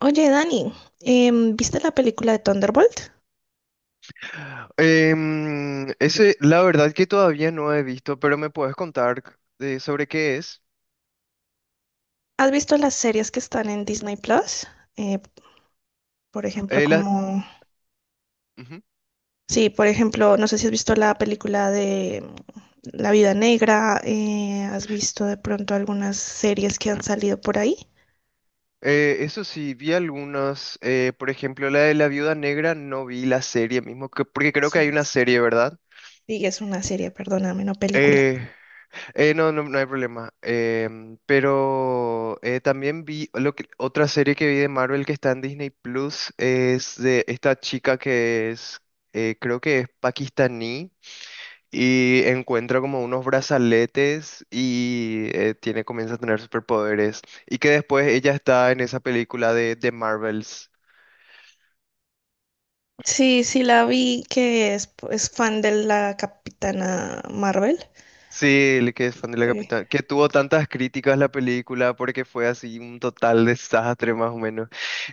Oye, Dani, ¿viste la película de Thunderbolt? La verdad que todavía no he visto, pero me puedes contar sobre qué es. ¿Has visto las series que están en Disney Plus? Eh, por ejemplo, Eh, la- como... Ujú. Sí, por ejemplo, no sé si has visto la película de La Vida Negra, has visto de pronto algunas series que han salido por ahí. Eso sí, vi algunas, por ejemplo, la de la Viuda Negra, no vi la serie mismo, porque creo Es que hay una una serie. serie, ¿verdad? Sí, es una serie, perdóname, no película. Eh, no, no, no hay problema. Pero también vi otra serie que vi de Marvel que está en Disney Plus, es de esta chica que es, creo que es pakistaní. Y encuentra como unos brazaletes y tiene, comienza a tener superpoderes. Y que después ella está en esa película de Marvels. Sí, sí, la vi que es fan de la Capitana Marvel. Sí, el que es fan de la Eh, Capitana. Que tuvo tantas críticas la película porque fue así un total desastre más o menos.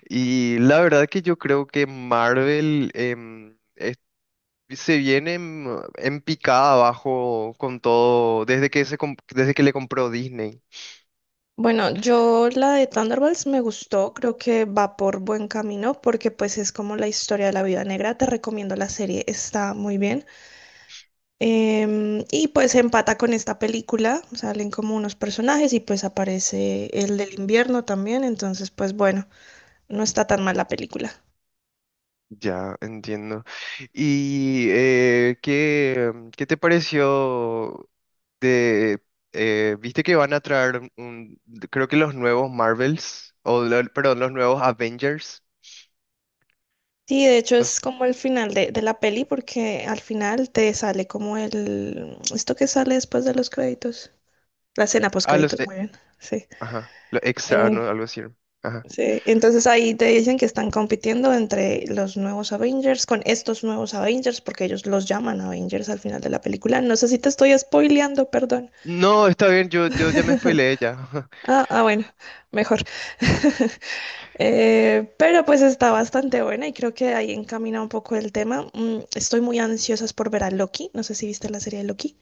Y la verdad que yo creo que Marvel se viene en picada abajo con todo desde que, desde que le compró Disney. Bueno, yo la de Thunderbolts me gustó, creo que va por buen camino porque pues es como la historia de la vida Negra, te recomiendo la serie, está muy bien. Y pues empata con esta película, salen como unos personajes y pues aparece el del invierno también, entonces pues bueno, no está tan mal la película. Ya, entiendo. ¿Y qué, qué te pareció de... viste que van a traer, un, creo que los nuevos Marvels, perdón, los nuevos Avengers? Sí, de hecho es Los, como el final de la peli porque al final te sale como esto que sale después de los créditos, la escena post ah, créditos, muy bien, sí. ajá, los extra, ah, no, algo así. Ajá. Sí, entonces ahí te dicen que están compitiendo entre los nuevos Avengers con estos nuevos Avengers, porque ellos los llaman Avengers al final de la película. No sé si te estoy spoileando, perdón. No, está bien, yo ya me spoileé ya. Ah, ah, bueno, mejor. Pero pues está bastante buena y creo que ahí encamina un poco el tema. Mm, estoy muy ansiosa por ver a Loki. No sé si viste la serie de Loki.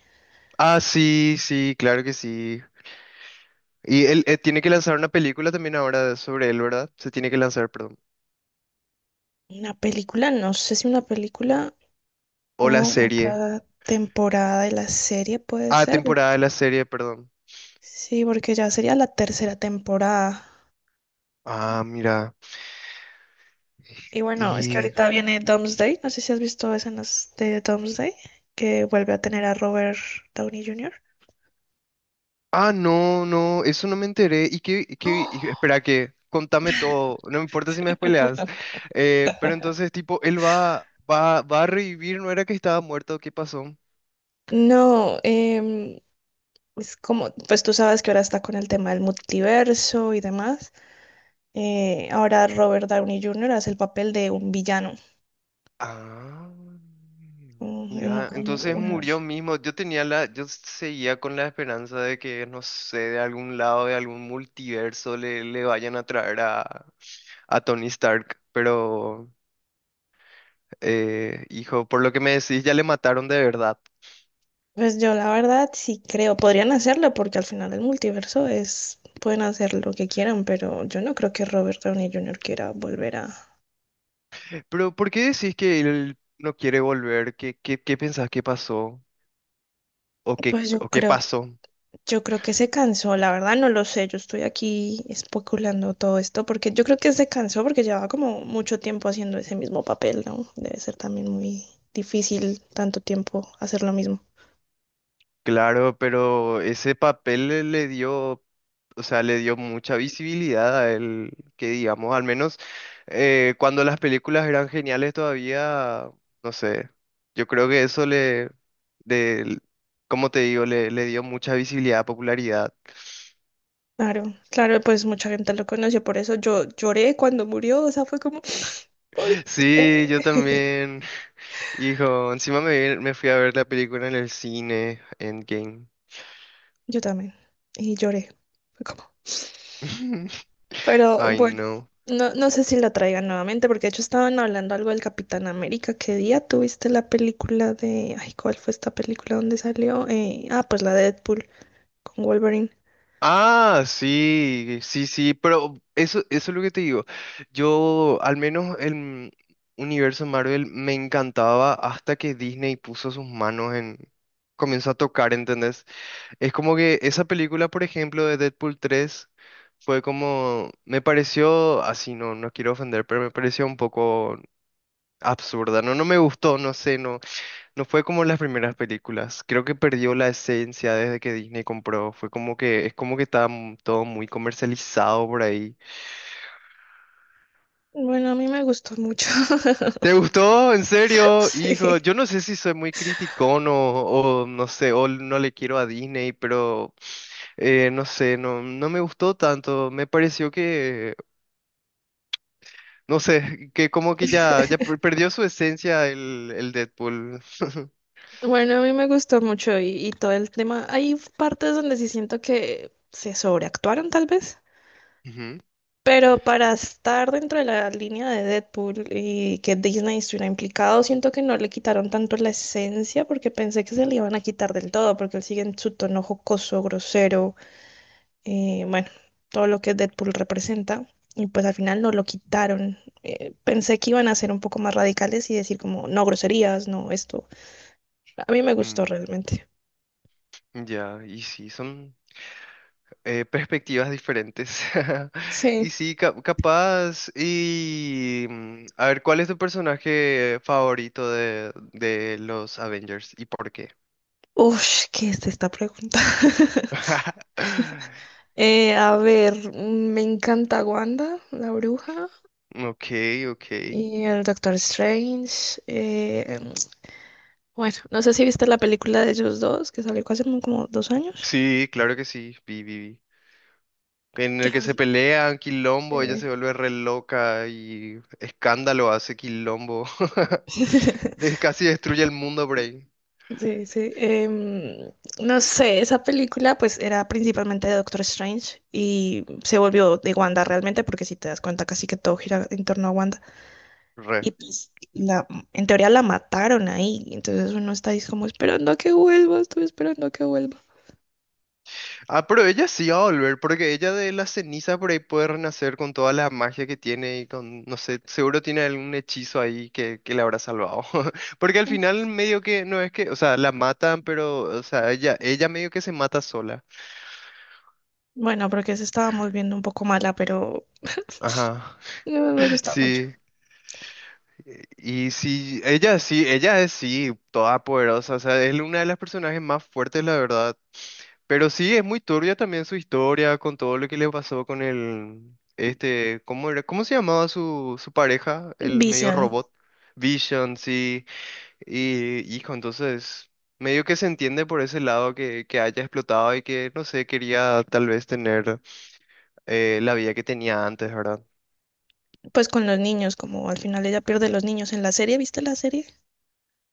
Ah, sí, sí, claro que sí. Y él tiene que lanzar una película también ahora sobre él, ¿verdad? Se tiene que lanzar, perdón. Una película, no sé si una película O la o o serie. cada temporada de la serie puede Ah, ser. temporada de Porque... la serie, perdón. sí, porque ya sería la tercera temporada. Ah, mira. Y bueno, es que Y... ahorita viene Doomsday. No sé si has visto escenas de Doomsday, que vuelve a tener a Robert Downey Jr. Ah, no, no, eso no me enteré. ¿Y ¡Oh! Espera que, contame todo, no me importa si me spoileas. Pero entonces, tipo, él va a revivir, ¿no era que estaba muerto? ¿Qué pasó? No, es como, pues tú sabes que ahora está con el tema del multiverso y demás. Ahora Robert Downey Jr. hace el papel de un villano Ah, en mira, otro entonces universo. murió mismo. Yo tenía la, yo seguía con la esperanza de que, no sé, de algún lado, de algún multiverso le, le vayan a traer a Tony Stark. Pero, hijo, por lo que me decís, ya le mataron de verdad. Pues yo la verdad sí creo, podrían hacerlo porque al final del multiverso es, pueden hacer lo que quieran, pero yo no creo que Robert Downey Jr. quiera volver a... Pero ¿por qué decís que él no quiere volver? Qué pensás que pasó? Pues O qué pasó? yo creo que se cansó, la verdad no lo sé, yo estoy aquí especulando todo esto porque yo creo que se cansó porque llevaba como mucho tiempo haciendo ese mismo papel, ¿no? Debe ser también muy difícil tanto tiempo hacer lo mismo. Claro, pero ese papel le dio, o sea, le dio mucha visibilidad a él, que digamos, al menos cuando las películas eran geniales todavía, no sé, yo creo que eso de, como te digo, le dio mucha visibilidad, popularidad. Claro, claro, pues mucha gente lo conoció, por eso yo lloré cuando murió, o sea, fue como, ¿por Sí, yo qué? también. Hijo, encima me fui a ver la película en el cine, Endgame. Yo también. Y lloré. Fue como... pero Ay, bueno, no. no, no sé si la traigan nuevamente, porque de hecho estaban hablando algo del Capitán América. ¿Qué día tuviste la película de... Ay, ¿cuál fue esta película donde salió? Ah, pues la de Deadpool con Wolverine. Ah, sí, sí, sí, pero eso es lo que te digo. Yo, al menos universo Marvel me encantaba hasta que Disney puso sus manos en... comenzó a tocar, ¿entendés? Es como que esa película, por ejemplo, de Deadpool 3 fue como... me pareció, así, no, no quiero ofender, pero me pareció un poco absurda, ¿no? No me gustó, no sé, no, no fue como las primeras películas. Creo que perdió la esencia desde que Disney compró. Fue como que, es como que todo muy comercializado por ahí. Bueno, a mí me gustó mucho. ¿Te gustó? ¿En serio? Hijo, Sí. yo no sé si soy muy criticón o no sé, o no le quiero a Disney, pero no sé, no, no me gustó tanto. Me pareció que, no sé, que como que perdió su esencia el Deadpool. Bueno, a mí me gustó mucho y, todo el tema. Hay partes donde sí siento que se sobreactuaron, tal vez. Ujú. Pero para estar dentro de la línea de Deadpool y que Disney estuviera implicado, siento que no le quitaron tanto la esencia porque pensé que se le iban a quitar del todo, porque él sigue en su tono jocoso, grosero, bueno, todo lo que Deadpool representa. Y pues al final no lo quitaron. Pensé que iban a ser un poco más radicales y decir como, no groserías, no esto. A mí me gustó Mm, realmente. ya, y sí, son. Perspectivas diferentes. Sí. Y sí, capaz. Y mm, a ver, ¿cuál es tu personaje favorito de los Avengers y por qué? Uf, ¿qué es esta pregunta? A ver, mm, me encanta Wanda, la bruja. Ok, ok. Y el Doctor Strange. Bueno, no sé si viste la película de ellos dos que salió hace como 2 años. Sí, claro que sí, vi, vi, vi. En el ¿Qué? que se pelean, quilombo, ella Eh, se vuelve re loca y escándalo hace quilombo. Casi destruye el mundo, Brain. sí, sí. No sé, esa película pues era principalmente de Doctor Strange y se volvió de Wanda realmente porque si te das cuenta casi que todo gira en torno a Wanda y pues en teoría la mataron ahí, entonces uno está ahí como esperando a que vuelva, estoy esperando a que vuelva. Ah, pero ella sí va a volver, porque ella de las cenizas por ahí puede renacer con toda la magia que tiene y con, no sé, seguro tiene algún hechizo ahí que le habrá salvado. Porque al final medio que, no es que, o sea, la matan, pero, o sea, ella medio que se mata sola. Bueno, porque se estábamos viendo un poco mala, pero Ajá, eh, me gusta mucho. sí. Y sí, ella es sí, toda poderosa, o sea, es una de las personajes más fuertes, la verdad. Pero sí, es muy turbia también su historia con todo lo que le pasó con el, este, ¿cómo era? ¿Cómo se llamaba su, su pareja? El medio Vision, robot. Vision, sí. Y, hijo, entonces, medio que se entiende por ese lado que haya explotado y que, no sé, quería tal vez tener la vida que tenía antes, ¿verdad? pues con los niños, como al final ella pierde los niños en la serie, ¿viste la serie?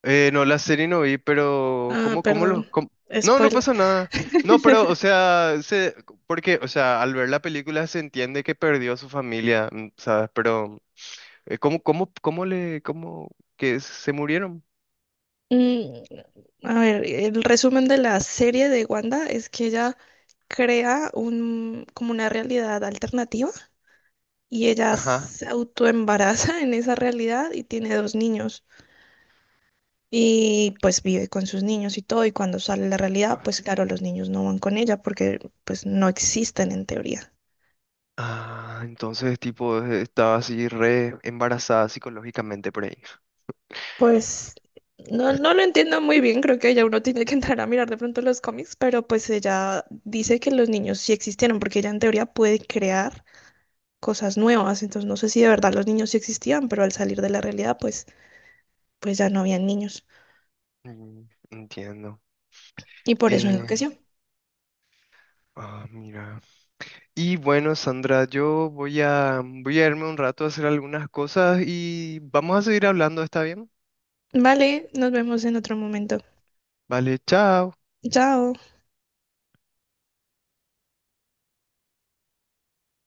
No, la serie no vi, pero Ah, ¿cómo, cómo perdón. lo...? ¿cómo? No, no Spoiler. pasa nada. No, pero, o sea, se, porque, o sea, al ver la película se entiende que perdió a su familia, mm, ¿sabes? Pero, ¿cómo, cómo, cómo, que se murieron? Mm, a ver, el resumen de la serie de Wanda es que ella crea un, como una realidad alternativa y ella Ajá. se autoembaraza en esa realidad y tiene dos niños y pues vive con sus niños y todo y cuando sale la realidad, pues claro, los niños no van con ella porque pues no existen en teoría. Ah, entonces, tipo, estaba así re embarazada psicológicamente por ahí. Pues no, no lo entiendo muy bien, creo que ya uno tiene que entrar a mirar de pronto los cómics, pero pues ella dice que los niños sí existieron, porque ella en teoría puede crear cosas nuevas, entonces no sé si de verdad los niños sí existían, pero al salir de la realidad, pues ya no habían niños Mm, entiendo. y por eso Eh, enloqueció. ah, mira. Y bueno, Sandra, yo voy a, voy a irme un rato a hacer algunas cosas y vamos a seguir hablando, ¿está bien? Vale, nos vemos en otro momento. Vale, chao. Chao.